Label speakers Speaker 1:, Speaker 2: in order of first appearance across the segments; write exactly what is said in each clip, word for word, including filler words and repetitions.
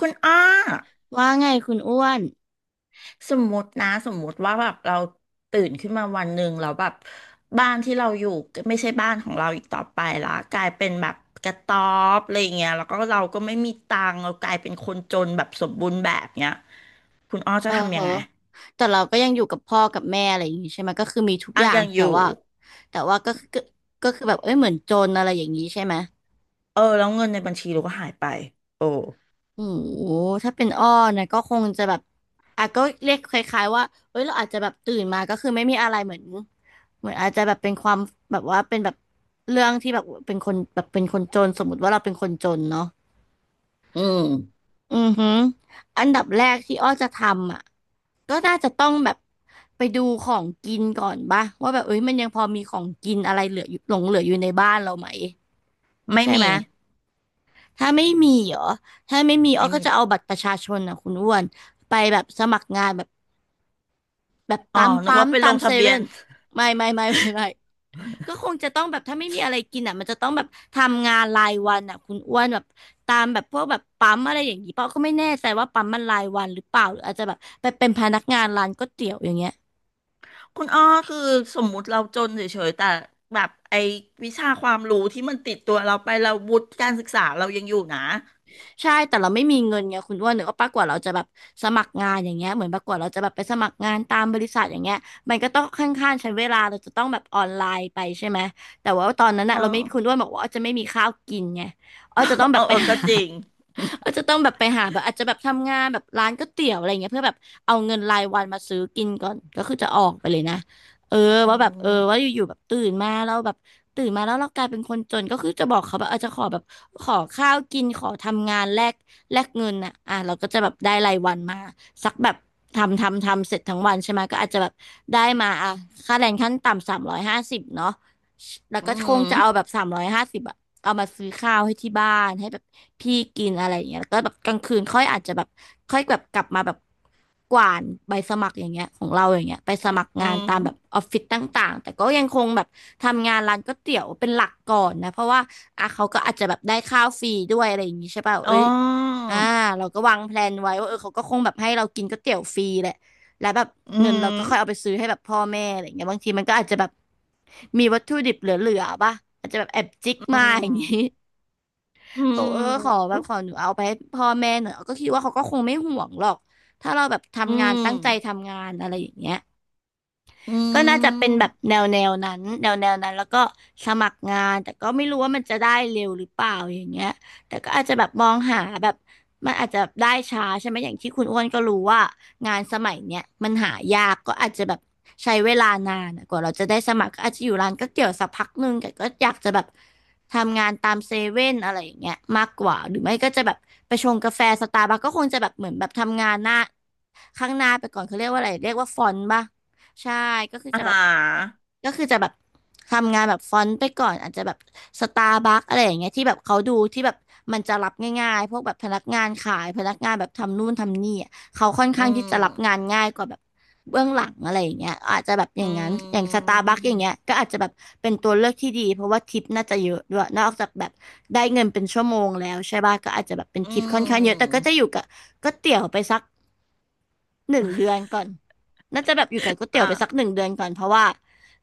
Speaker 1: คุณอ้อ
Speaker 2: ว่าไงคุณอ้วน
Speaker 1: สมมตินะสมมติว่าแบบเราตื่นขึ้นมาวันหนึ่งเราแล้วแบบบ้านที่เราอยู่ไม่ใช่บ้านของเราอีกต่อไปละกลายเป็นแบบกระต๊อบอะไรเงี้ยแล้วก็เราก็ไม่มีตังค์เรากลายเป็นคนจนแบบสมบูรณ์แบบเนี้ยคุณอ้อ
Speaker 2: เอ
Speaker 1: จะ
Speaker 2: อเห
Speaker 1: ทำยัง
Speaker 2: อะ
Speaker 1: ไง
Speaker 2: แต่เราก็ยังอยู่กับพ่อกับแม่อะไรอย่างงี้ใช่ไหมก็คือมีทุก
Speaker 1: อ่ะ
Speaker 2: อย่าง
Speaker 1: ยังอ
Speaker 2: แต่
Speaker 1: ยู่
Speaker 2: ว่าแต่ว่าก็คือก็ก็คือแบบเอ้ยเหมือนจนอะไรอย่างนี้ใช่ไหม
Speaker 1: เออแล้วเงินในบัญชีเราก็หายไปโอ้
Speaker 2: โอ้โหถ้าเป็นอ้อนะก็คงจะแบบอ่ะก็เรียกคล้ายๆว่าเอ้ยเราอาจจะแบบตื่นมาก็คือไม่มีอะไรเหมือนเหมือนอาจจะแบบเป็นความแบบว่าเป็นแบบเรื่องที่แบบเป็นคนแบบเป็นคนจนสมมติว่าเราเป็นคนจนเนาะ
Speaker 1: อืม
Speaker 2: อือหืออันดับแรกที่อ้อจะทำอ่ะก็น่าจะต้องแบบไปดูของกินก่อนป่ะว่าแบบเอ้ยมันยังพอมีของกินอะไรเหลืออยู่หลงเหลืออยู่ในบ้านเราไหม
Speaker 1: ไม่
Speaker 2: ใช่ไห
Speaker 1: มี
Speaker 2: มถ้าไม่มีเหรอถ้าไม่มีอ้อ
Speaker 1: ไม่
Speaker 2: ก็
Speaker 1: มี
Speaker 2: จะ
Speaker 1: ด้วย
Speaker 2: เอาบัตรประชาชนอ่ะคุณอ้วนไปแบบสมัครงานแบบแบบ
Speaker 1: อ๋อ
Speaker 2: ตาม
Speaker 1: นึก
Speaker 2: ปั๊
Speaker 1: ว่า
Speaker 2: ม
Speaker 1: ไป
Speaker 2: ตา
Speaker 1: ล
Speaker 2: ม
Speaker 1: ง
Speaker 2: เซ
Speaker 1: ทะเบีย
Speaker 2: เว่
Speaker 1: น
Speaker 2: นไม่ไม่ไม่ไม่ไม่ ก็คงจะต้องแบบถ้าไม่มีอะไรกินอ่ะมันจะต้องแบบทำงานรายวันอ่ะคุณอ้วนแบบตามแบบพวกแบบปั๊มอะไรอย่างนี้เปล่าก็ไม่แน่ใจว่าปั๊มมันรายวันหรือเปล่าหรืออาจจะแบบไปเป็นพนักงานร้านก๋วยเตี๋ยวอย่างเงี้ย
Speaker 1: คุณอ้อคือสมมุติเราจนเฉยๆแต่แบบไอ้วิชาความรู้ที่มันติดตัวเราไปเราวุฒิการศึกษาเรายังอยู่นะ
Speaker 2: ใช่ แต่เราไม่มีเงินไงคุณอ้วนหรือว่าปะกว่าเราจะแบบสมัครงานอย่างเงี้ยเหมือนปะกว่าเราจะแบบไปสมัครงานตามบริษัทอย่างเงี้ยมันก็ต้องค่อนข้างใช้เวลาเราจะต้องแบบออนไลน์ไปใช่ไหมแต่ว่าตอนนั้น
Speaker 1: เอ
Speaker 2: อะเราไม่คุณอ้ว
Speaker 1: อ
Speaker 2: นบอกว่าอ้อจะไม่มีข้าวกินไงอ้อจะต้อง แบ
Speaker 1: เออ
Speaker 2: บไป
Speaker 1: เออ
Speaker 2: หา
Speaker 1: ก็จริง
Speaker 2: อ้อจะต้องแบบไปหาแบบอาจจะแบบทำงานแบบร้านก๋วยเตี๋ยวอะไรเงี้ยเพื่อแบบเอาเงินรายวันมาซื้อกินก่อนก็คือจะออกไปเลยนะเออ
Speaker 1: อ๋อ
Speaker 2: ว่าแบบเออว่าอยู่ๆแบบตื่นมาแล้วแบบ ตื่นมาแล้วเรากลายเป็นคนจนก็คือจะบอกเขาแบบอาจจะขอแบบขอข้าวกินขอทำงานแลกแลกเงินอ่ะอ่ะเราก็จะแบบได้รายวันมาสักแบบทำทำทำเสร็จทั้งวันใช่ไหมก็อาจจะแบบได้มาอ่ะค่าแรงขั้นต่ำสามร้อยห้าสิบเนาะแล้ว
Speaker 1: อื
Speaker 2: ก็คงจะเอาแบ
Speaker 1: ม
Speaker 2: บสามร้อยห้าสิบอ่ะเอามาซื้อข้าวให้ที่บ้านให้แบบ พี่กินอะไรอย่างเงี้ยแล้วก็แบบกลางคืนค่อยอาจจะแบบค่อยแบบกลับมาแบบกวาดใบสมัครอย่างเงี้ยของเราอย่างเงี้ยไปส
Speaker 1: อืม
Speaker 2: มัคร
Speaker 1: อื
Speaker 2: งาน
Speaker 1: ม
Speaker 2: ตามแบบออฟฟิศต่างๆแต่ก็ยังคงแบบทำงานร้านก๋วยเตี๋ยวเป็นหลักก่อนนะเพราะว่าอ่ะเขาก็อาจจะแบบได้ข้าวฟรีด้วยอะไรอย่างงี้ใช่ป่ะ
Speaker 1: อ๋อ
Speaker 2: เอ้ยอ่าเราก็วางแพลนไว้ว่าเออเขาก็คงแบบให้เรากินก๋วยเตี๋ยวฟรีแหละแล้วแบบ
Speaker 1: อื
Speaker 2: เงิน
Speaker 1: ม
Speaker 2: เราก็ค่อยเอาไปซื้อให้แบบพ่อแม่อะไรอย่างเงี้ยบางทีมันก็อาจจะแบบมีวัตถุดิบเหลือๆป่ะอาจจะแบบแอบจิก
Speaker 1: อื
Speaker 2: มาอ
Speaker 1: ม
Speaker 2: ย่างงี้
Speaker 1: อื
Speaker 2: บอกเออขอ
Speaker 1: ม
Speaker 2: แบบขอหนูเอาไปให้พ่อแม่หน่อยก็คิดว่าเขาก็คงไม่ห่วงหรอกถ้าเราแบบ
Speaker 1: อื
Speaker 2: ทำงาน
Speaker 1: ม
Speaker 2: ตั้งใจทำงานอะไรอย่างเงี้ย
Speaker 1: อื
Speaker 2: ก็น่าจะเป็นแบบ
Speaker 1: ม
Speaker 2: แนวแนวนั้นแนวแนวนั้นแล้วก็สมัครงานแต่ก็ไม่รู้ว่ามันจะได้เร็วหรือเปล่าอย่างเงี้ยแต่ก็อาจจะแบบมองหาแบบมันอาจจะได้ช้าใช่ไหมอย่างที่คุณอ้วนก็รู้ว่างานสมัยเนี้ยมันหายากก็อาจจะแบบใช้เวลานานอะกว่าเราจะได้สมัครก็อาจจะอยู่ร้านก๋วยเตี๋ยวสักพักหนึ่งแต่ก็อยากจะแบบทำงานตามเซเว่นอะไรอย่างเงี้ยมากกว่าหรือไม่ก็จะแบบไปชงกาแฟสตาร์บัคก็คงจะแบบเหมือนแบบทำงานหน้าข้างหน้าไปก่อนเขาเรียกว่าอะไรเรียกว่าฟอนต์ป่ะ ใช่ก็คือ
Speaker 1: อ่
Speaker 2: จะแบบ
Speaker 1: า
Speaker 2: ก็คือจะแบบทำงานแบบฟอนต์ไปก่อนอาจจะแบบสตาร์บัคอะไรอย่างเงี้ยที่แบบเขาดูที่แบบมันจะรับง่ายๆพวกแบบพนักงานขายพนักงานแบบทำนู่นทำนี่อะเขาค่อน
Speaker 1: อื
Speaker 2: ข้างที่จะรับงา
Speaker 1: ม
Speaker 2: นง่ายกว่าแบบเบื้องหลังอะไรอย่างเงี้ยอาจจะแบบอย่า
Speaker 1: อื
Speaker 2: งนั้นอย่างสตา
Speaker 1: ม
Speaker 2: ร์บัคอย่างเงี้ยก็อาจจะแบบเป็นตัวเลือกที่ดีเพราะว่าทิปน่าจะเยอะด้วยนอกจากแบบได้เงินเป็นชั่วโมงแล้วใช่ป่ะก็อาจจะแบบเป็น
Speaker 1: อื
Speaker 2: ทิปค่อนข้างเยอะแต่ก็
Speaker 1: ม
Speaker 2: จะอยู่กับก๋วยเตี๋ยวไปสัก หนึ่งเดือนก่อนน่าจะแบบอยู่กับก๋วยเตี๋ยวไปสักห
Speaker 1: อ่า
Speaker 2: นึ่งเดือนก่อนเพราะว่า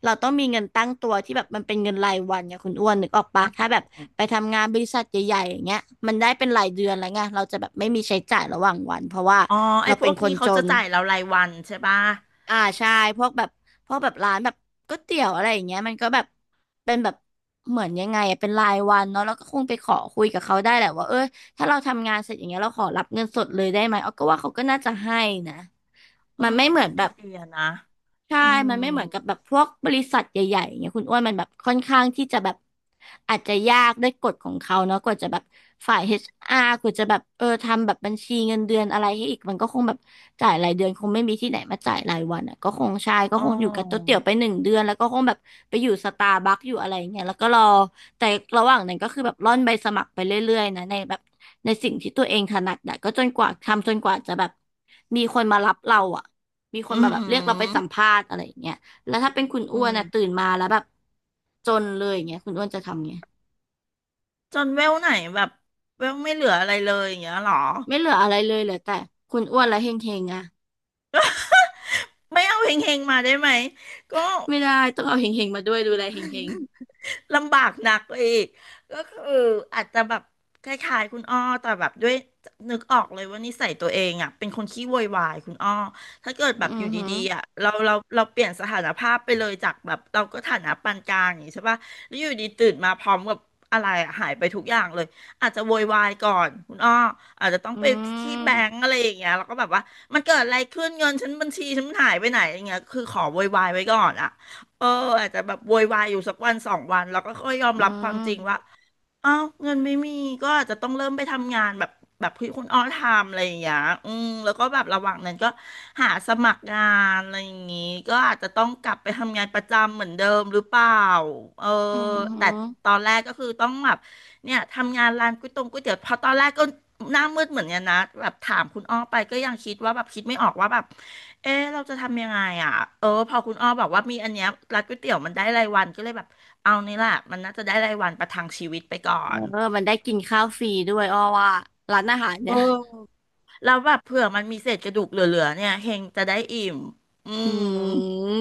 Speaker 2: เราต้องมีเงินตั้งตัวที่แบบมันเป็นเงินรายวันไงคุณอ้วนนึกออกปะถ้าแบบไปทำงานบริษัทใหญ่ๆอย่างเงี้ยมันได้เป็นรายเดือนแล้วไงเราจะแบบไม่มีใช้จ่ายระหว่างวันเพราะว่า
Speaker 1: อ๋อไอ้
Speaker 2: เรา
Speaker 1: พ
Speaker 2: เป็
Speaker 1: ว
Speaker 2: น
Speaker 1: ก
Speaker 2: คน
Speaker 1: นี้
Speaker 2: จ
Speaker 1: เขาจะ
Speaker 2: น
Speaker 1: จ่ายเรารายวันใช่ป่ะ
Speaker 2: อ่าใช่พวกแบบพวกแบบร้านแบบก๋วยเตี๋ยวอะไรอย่างเงี้ยมันก็แบบเป็นแบบเหมือนยังไงอะเป็นรายวันเนาะแล้วก็คงไปขอคุยกับเขาได้แหละว่าเออ ถ้าเราทำงานเสร็จอย่างเงี้ยเราขอรับเงินสดเลยได้ไหมออกก็ว่าเขาก็น่าจะให้นะ
Speaker 1: เออ
Speaker 2: มันไม่
Speaker 1: ก็
Speaker 2: เหมือ
Speaker 1: เป็
Speaker 2: น
Speaker 1: น
Speaker 2: แบ
Speaker 1: ไอ
Speaker 2: บ
Speaker 1: เดียนะ
Speaker 2: ใช่
Speaker 1: อืม
Speaker 2: มันไม่เหมือนกับแบบพวกบริษัทใหญ่ๆอย่างเงี้ยคุณอ้วนมันแบบค่อนข้างที่จะแบบอาจจะยากด้วยกฎของเขาเนาะกว่าจะแบบฝ่าย เอช อาร์ กว่าจะแบบเออทำแบบบัญชีเงินเดือนอะไรให้อีกมันก็คงแบบจ่ายรายเดือนคงไม่มีที่ไหนมาจ่ายรายวันอ่ะก็คงใช่ก็
Speaker 1: อ๋
Speaker 2: คงอยู่กับโต๊ะเตี๋
Speaker 1: อ
Speaker 2: ยวไปหนึ่งเดือนแล้วก็คงแบบไปอยู่สตาร์บัคอยู่อะไรอย่างเงี้ยแล้วก็รอแต่ระหว่างนั้นก็คือแบบร่อนใบสมัครไปเรื่อยๆนะในแบบ ในสิ่งที่ตัวเองถนัดอะก็จนกว่าทำจนกว่าจะแบบมีคนมารับเราอะมีคน
Speaker 1: อื
Speaker 2: มา
Speaker 1: ม
Speaker 2: แบบ
Speaker 1: อื
Speaker 2: เรียกเราไป
Speaker 1: ม
Speaker 2: สัมภาษณ์อะไรอย่างเงี้ยแล้วถ้าเป็นคุณ
Speaker 1: อื
Speaker 2: อ้วนอะตื่
Speaker 1: ม
Speaker 2: นมาแล้วแบบจนเลยอย่างเงี้ยคุณอ้วนจะทำไง
Speaker 1: จนเวลไหนแบบเวลไม่เหลืออะไรเลยอย่างเงี้ยเหรอ
Speaker 2: ไม่เหลืออะไรเลยเหลือแต่คุณอ้วนและเฮงเฮงอะ
Speaker 1: ไม่เอาเฮงๆมาได้ไหมก็
Speaker 2: ไม่ได้ต้องเอาเฮงเฮงมาด้วยดูแลเฮงเฮง
Speaker 1: ลำบากหนักอีกก็คืออาจจะแบบคล้ายๆคุณอ้อแต่แบบด้วยนึกออกเลยว่านิสัยตัวเองอ่ะเป็นคนขี้โวยวายคุณอ้อถ้าเกิดแบ
Speaker 2: อื
Speaker 1: บอ
Speaker 2: อ
Speaker 1: ยู่
Speaker 2: หือ
Speaker 1: ดีๆอ่ะเราเราเราเปลี่ยนสถานภาพไปเลยจากแบบเราก็ฐานะปานกลางอย่างนี้ใช่ป่ะแล้วอยู่ดีตื่นมาพร้อมกับอะไรอะหายไปทุกอย่างเลยอาจจะโวยวายก่อนคุณอ้ออาจจะต้อง
Speaker 2: อื
Speaker 1: ไปที่
Speaker 2: ม
Speaker 1: แบงก์อะไรอย่างเงี้ยแล้วก็แบบว่ามันเกิดอะไรขึ้นเงินฉันบัญชีฉันมันหายไปไหนอย่างเงี้ยคือขอโวยวายไว้ก่อนอ่ะ เอออาจจะแบบโวยวายอยู่สักวันสองวันแล้วก็ค่อยยอม
Speaker 2: อื
Speaker 1: รับความจริงว่า
Speaker 2: ม
Speaker 1: อ้าวเงินไม่มีก็อาจจะต้องเริ่มไปทำงานแบบแบบที่คุณอ้อทำอะไรอย่างเงี้ยอืมแล้วก็แบบระหว่างนั้นก็หาสมัครงานอะไรอย่างงี้ก็อาจจะต้องกลับไปทำงานประจำเหมือนเดิมหรือเปล่าเออ
Speaker 2: อือหื
Speaker 1: แต่
Speaker 2: อ
Speaker 1: ตอนแรกก็คือต้องแบบเนี่ยทำงานร้านก๋วยตงก๋วยเตี๋ยวพอตอนแรกก็หน้ามืดเหมือนกันนะแบบถามคุณอ้อไปก็ยังคิดว่าแบบคิดไม่ออกว่าแบบเออเราจะทำยังไงอ่ะเออพอคุณอ้อบอกว่ามีอันเนี้ยร้านก๋วยเตี๋ยวมันได้รายวันก็เลยแบบ เอานี่แหละมันน่าจะได้รายวันประทังชีวิตไปก่อ
Speaker 2: เอ
Speaker 1: น
Speaker 2: อมันได้กินข้าวฟรีด้วยอ้อว่าร้านอาหาร
Speaker 1: เอ
Speaker 2: เนี่ย
Speaker 1: อแล้วแบบเผื่อมันมีเศษกระดูกเหลือๆเนี่ยเฮงจะได้อิ่มอื
Speaker 2: อื
Speaker 1: ม
Speaker 2: ม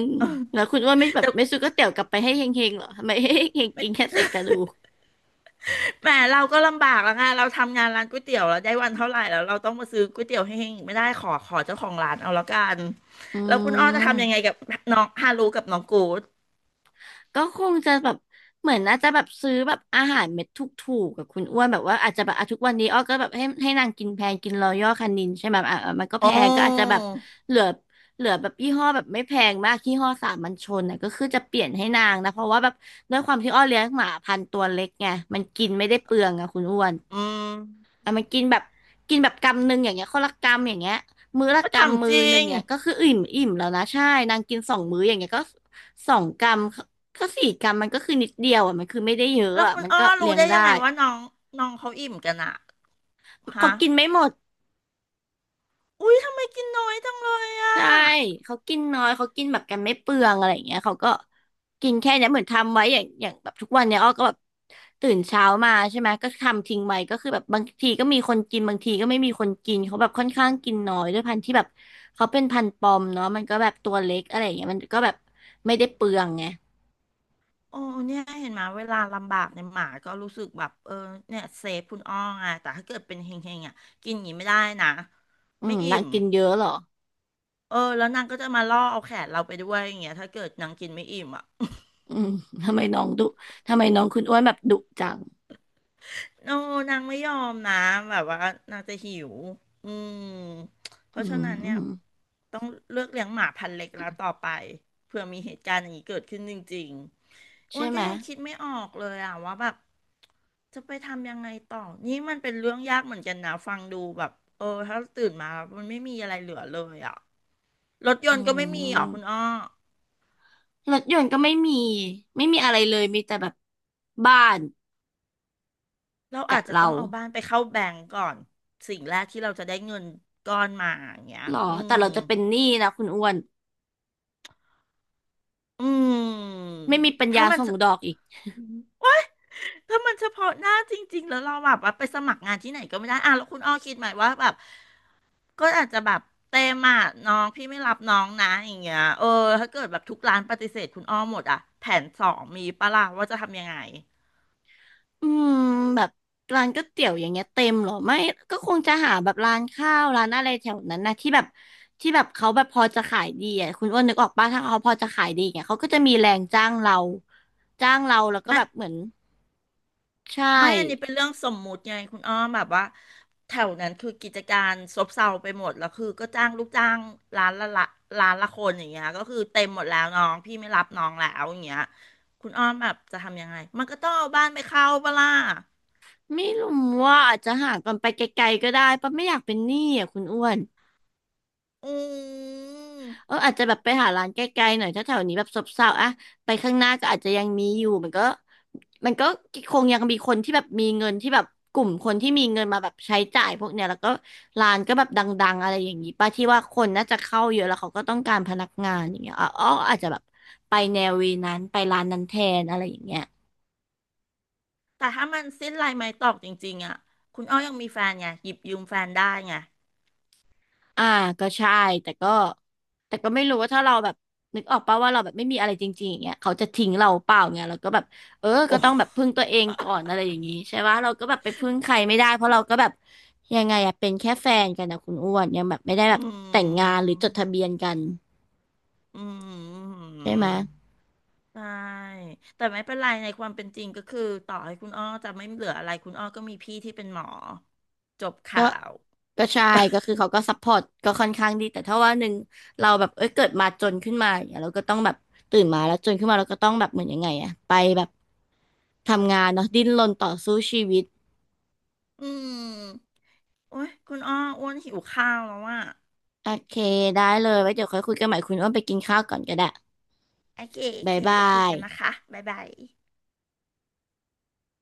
Speaker 2: แล้วคุณว่าไม่แบบ
Speaker 1: แต่
Speaker 2: ไม่ซื้อก๋วยเตี๋ยวกลับไปให้เฮงๆเหรอทำไมให้เฮงๆกินแค่เศษกระดูก
Speaker 1: แหมเราก็ลำบากแล้วไงเราทำงานร้านก๋วยเตี๋ยวแล้วได้วันเท่าไหร่แล้วเราต้องมาซื้อก๋วยเตี๋ยวให้เฮงอีกไม่ได้ขอขอเจ้าของร้านเอาแล้วกัน
Speaker 2: อื
Speaker 1: แล้วคุณอ้อจะทำยังไง
Speaker 2: ม
Speaker 1: กับน้องฮารุกับน้องกูด
Speaker 2: ก็คงจะแบบเหมือนน่าจะแบบซื้อแบบอาหารเม็ดถูกๆกับคุณอ้วนแบบว่าอาจจะแบบอ่ะทุกวันนี้อ้อก็แบบให้ให้นางกินแพงกินรอยัลคานินใช่ไหมอ่ะอ่ะมันก็
Speaker 1: โอ
Speaker 2: แพงก็อาจจะแบ
Speaker 1: ้
Speaker 2: บเหลือเหลือแบบยี่ห้อแบบไม่แพงมากยี่ห้อสามัญชนน่ะก็คือจะเปลี่ยนให้นางนะเพราะว่าแบบด้วยความที่อ้อเลี้ยงหมาพันธุ์ตัวเล็กไงมันกินไม่ได้เปลืองอะคุณอ้วน
Speaker 1: อืม
Speaker 2: อ่ะมันกินแบบกินแบบกำหนึ่งอย่างเงี้ยคนละกำอย่างเงี้ยมื้อละ
Speaker 1: ก็
Speaker 2: กำมื
Speaker 1: ทำจ
Speaker 2: อ
Speaker 1: ริ
Speaker 2: หนึ่ง
Speaker 1: ง
Speaker 2: เนี่ยก็คืออิ่มอิ่มแล้วนะใช่นางกินสองมื้ออย่างเงี้ยก็สองกำก็สี่กำมันก็คือนิดเดียวอ่ะมันคือไม่ได้เยอะ
Speaker 1: แล้ว
Speaker 2: อ่ะ
Speaker 1: คุณ
Speaker 2: มัน
Speaker 1: อ้อ
Speaker 2: ก็
Speaker 1: รู้
Speaker 2: เลี้ยง
Speaker 1: ได้
Speaker 2: ได้
Speaker 1: ยังไงว่าน้องน้องเขาอิ่มกันอะ
Speaker 2: เขา
Speaker 1: ฮะ
Speaker 2: กินไม่หมด
Speaker 1: อุ๊ยทำไมกินน้อยจังเลยอ่ะ
Speaker 2: ใช่ เขากินน้อย เขากินแบบกันไม่เปลืองอะไรอย่างเงี้ยเขาก็กินแค่เนี้ยเหมือนทำไว้อย่างอย่างแบบทุกวันเนี้ยอ้อก็แบบตื่นเช้ามาใช่ไหมก็ทำทิ้งไว้ก็คือแบบบางทีก็มีคนกินบางทีก็ไม่มีคนกินเขาแบบค่อนข้างกินน้อยด้วยพันธุ์ที่แบบเขาเป็นพันธุ์ปอมเนาะมันก็แบบตัวเล็กอะไรอย่างเงี้ยมันก็แบบไม่ได้เปลืองไง
Speaker 1: โอ้เนี่ยเห็นไหมเวลาลำบากในยหมาก็รู้สึกแบบเออเนี่ยเซฟคุณอ้อไงแต่ถ้าเกิดเป็นเฮงๆอ่ะกินอย่างนี้ไม่ได้นะ
Speaker 2: อื
Speaker 1: ไม่
Speaker 2: ม
Speaker 1: อิ่
Speaker 2: นาง
Speaker 1: ม
Speaker 2: กินเยอะเหรอ
Speaker 1: เออแล้วนางก็จะมาล่อเอาแขนเราไปด้วยอย่างเงี้ยถ้าเกิดนางกินไม่อิ่มอ่ะ
Speaker 2: อืมทำไมน้องดุทำไมน้องคุณอ้วนแบบดุจัง
Speaker 1: โอ้นางไม่ยอมนะแบบว่านางจะหิวอืมเพ
Speaker 2: อื
Speaker 1: ราะฉะนั้นเนี่ย
Speaker 2: ม
Speaker 1: ต้องเลือกเลี้ยงหมาพันธุ์เล็กแล้วต่อไปเผื่อมีเหตุการณ์อย่างนี้เกิดขึ้นจริงๆอ้ว
Speaker 2: ใช่
Speaker 1: น
Speaker 2: ไห
Speaker 1: ก็
Speaker 2: ม
Speaker 1: ยังคิดไม่ออกเลยอ่ะว่าแบบ จะไปทำยังไงต่อ นี่มันเป็นเรื่องยากเหมือนกันนะฟังดูแบบเออ ถ้าตื่นมาแล้วมันไม่มีอะไรเหลือเลยอ่ะรถย
Speaker 2: อื
Speaker 1: นต์ก็ไม่มีเหรอคุณอ้อ
Speaker 2: ม รถยนต์ก็ไม่มีไม่มีอะไรเลยมีแต่แบบบ้าน
Speaker 1: เรา
Speaker 2: กั
Speaker 1: อา
Speaker 2: บ
Speaker 1: จจะต้
Speaker 2: เรา
Speaker 1: องเอาบ้านไปเข้าแบงก์ก่อน สิ่งแรกที่เราจะได้เงินก้อนมาอย่างเงี้ย
Speaker 2: หรอ
Speaker 1: อื
Speaker 2: แต่
Speaker 1: ม
Speaker 2: เราจะเป็นหนี้นะคุณอ้วน
Speaker 1: อืม
Speaker 2: ไม่มีปัญ
Speaker 1: ถ้า
Speaker 2: ญา
Speaker 1: มัน
Speaker 2: ส่ง
Speaker 1: เฉ
Speaker 2: ดอกอีก
Speaker 1: ถ้ามันเฉพาะหน้าจริงๆแล้วเราแบบว่าไปสมัครงานที่ไหนก็ไม่ได้อ่ะแล้วคุณอ้อคิดไหมว่าแบบ ก็อาจจะแบบเต็มอ่ะน้องพี่ไม่รับน้องนะอย่างเงี้ยเออถ้าเกิดแบบทุกร้านปฏิเสธคุณอ้อมหมดอ่ะแผนสองมีปะล่ะว่าจะทำยังไง
Speaker 2: อืมแบบร้านก๋วยเตี๋ยวอย่างเงี้ยเต็มหรอไม่ก็คงจะหาแบบร้านข้าวร้านอะไรแถวนั้นนะที่แบบที่แบบเขาแบบพอจะขายดีอ่ะคุณอ้วนนึกออกป่ะถ้าเขาพอจะขายดีอย่างเงี้ยเขาก็จะมีแรงจ้างเราจ้างเราแล้วก็แบบเหมือนใช
Speaker 1: ไม่อันนี้เป็
Speaker 2: ่
Speaker 1: นเรื่องสมมุติไงคุณอ้อมแบบว่าแถวนั้นคือกิจการซบเซาไปหมดแล้วคือก็จ้างลูกจ้างร้านละละร้านละคนอย่างเงี้ยก็คือเต็มหมดแล้วน้องพี่ไม่รับน้องแล้วอย่างเงี้ยคุณอ้อมแบบจะทำยังไงมันก็ต้องเอาบ้านไปเข้าปะล่ะ
Speaker 2: ไม่รู้ว่าอาจจะหาก่อนไปไกลๆก็ได้ปะไม่อยากเป็นหนี้อ่ะคุณอ้วน
Speaker 1: อืม
Speaker 2: เอออาจจะแบบไปหาร้านใกล้ๆหน่อยถ้าแถวนี้แบบซบเซาอะไปข้างหน้าก็อาจจะยังมีอยู่มันก็มันก็คงยังมีคนที่แบบมีเงินที่แบบกลุ่มคนที่มีเงินมาแบบใช้จ่ายพวกเนี้ยแล้วก็ร้านก็แบบดังๆอะไรอย่างนี้ป้าที่ว่าคนน่าจะเข้าเยอะแล้วเขาก็ต้องการพนักงานอย่างเงี้ยอ๋ออาจจะแบบไปแนววีนั้นไปร้านนั้นแทนอะไรอย่างเงี้ย
Speaker 1: แต่ถ้ามันสิ้นลายไม้ตอกจริงๆอ่ะคุณอ้อยังมีแฟนไงหยิบยืมแฟนได้ไง
Speaker 2: อ่าก็ใช่แต่ก็แต่ก็ไม่รู้ว่าถ้าเราแบบนึกออกป่าว่าเราแบบไม่มีอะไรจริงๆอย่างเงี้ยเขาจะทิ้งเราเปล่าเงี้ยเราก็แบบเออก็
Speaker 1: โอ้
Speaker 2: ต้องแบบพึ่งตัวเองก่อนอะไรอย่างงี้ใช่ปะเราก็แบบไปพึ่งใครไม่ได้เพราะเราก็แบบยังไงอะเป็นแค่แฟนกันนะคุณอ้วนยังแบบไม่ได้แบ
Speaker 1: อื
Speaker 2: บแต่งงาน
Speaker 1: ม
Speaker 2: หรือจดทะเบียนกัน
Speaker 1: อื
Speaker 2: ใช่ไหม
Speaker 1: มใช่แต่ไม่เป็นไรในความเป็นจริงก็คือต่อให้คุณอ้อจะไม่เหลืออะไรคุณอ้อก็มีพี่ที่เป็นหมอจบ
Speaker 2: ก็
Speaker 1: ข่าว
Speaker 2: ก็ใช่ก็คือเขาก็ซัพพอร์ตก็ค่อนข้างดีแต่ถ้าว่าหนึ่งเราแบบเอ้ยเกิดมาจนขึ้นมาอย่างเงี้ยเราก็ต้องแบบตื่นมาแล้วจนขึ้นมาเราก็ต้องแบบเหมือนยังไงอะไปแบบทำงานเนาะดิ้นรนต่อสู้ชีวิต
Speaker 1: อืมโอ้ยคุณอ้ออ้วนหิวข้าวแล้วอ่ะ
Speaker 2: โอเคได้เลยไว้เดี๋ยวค่อยคุยกันใหม่คุณอ้วนไปกินข้าวก่อนก็ได้
Speaker 1: โอเคโอ
Speaker 2: บ๊า
Speaker 1: เค
Speaker 2: ยบา
Speaker 1: เดี๋ยวคุย
Speaker 2: ย
Speaker 1: กันนะคะบ๊ายบาย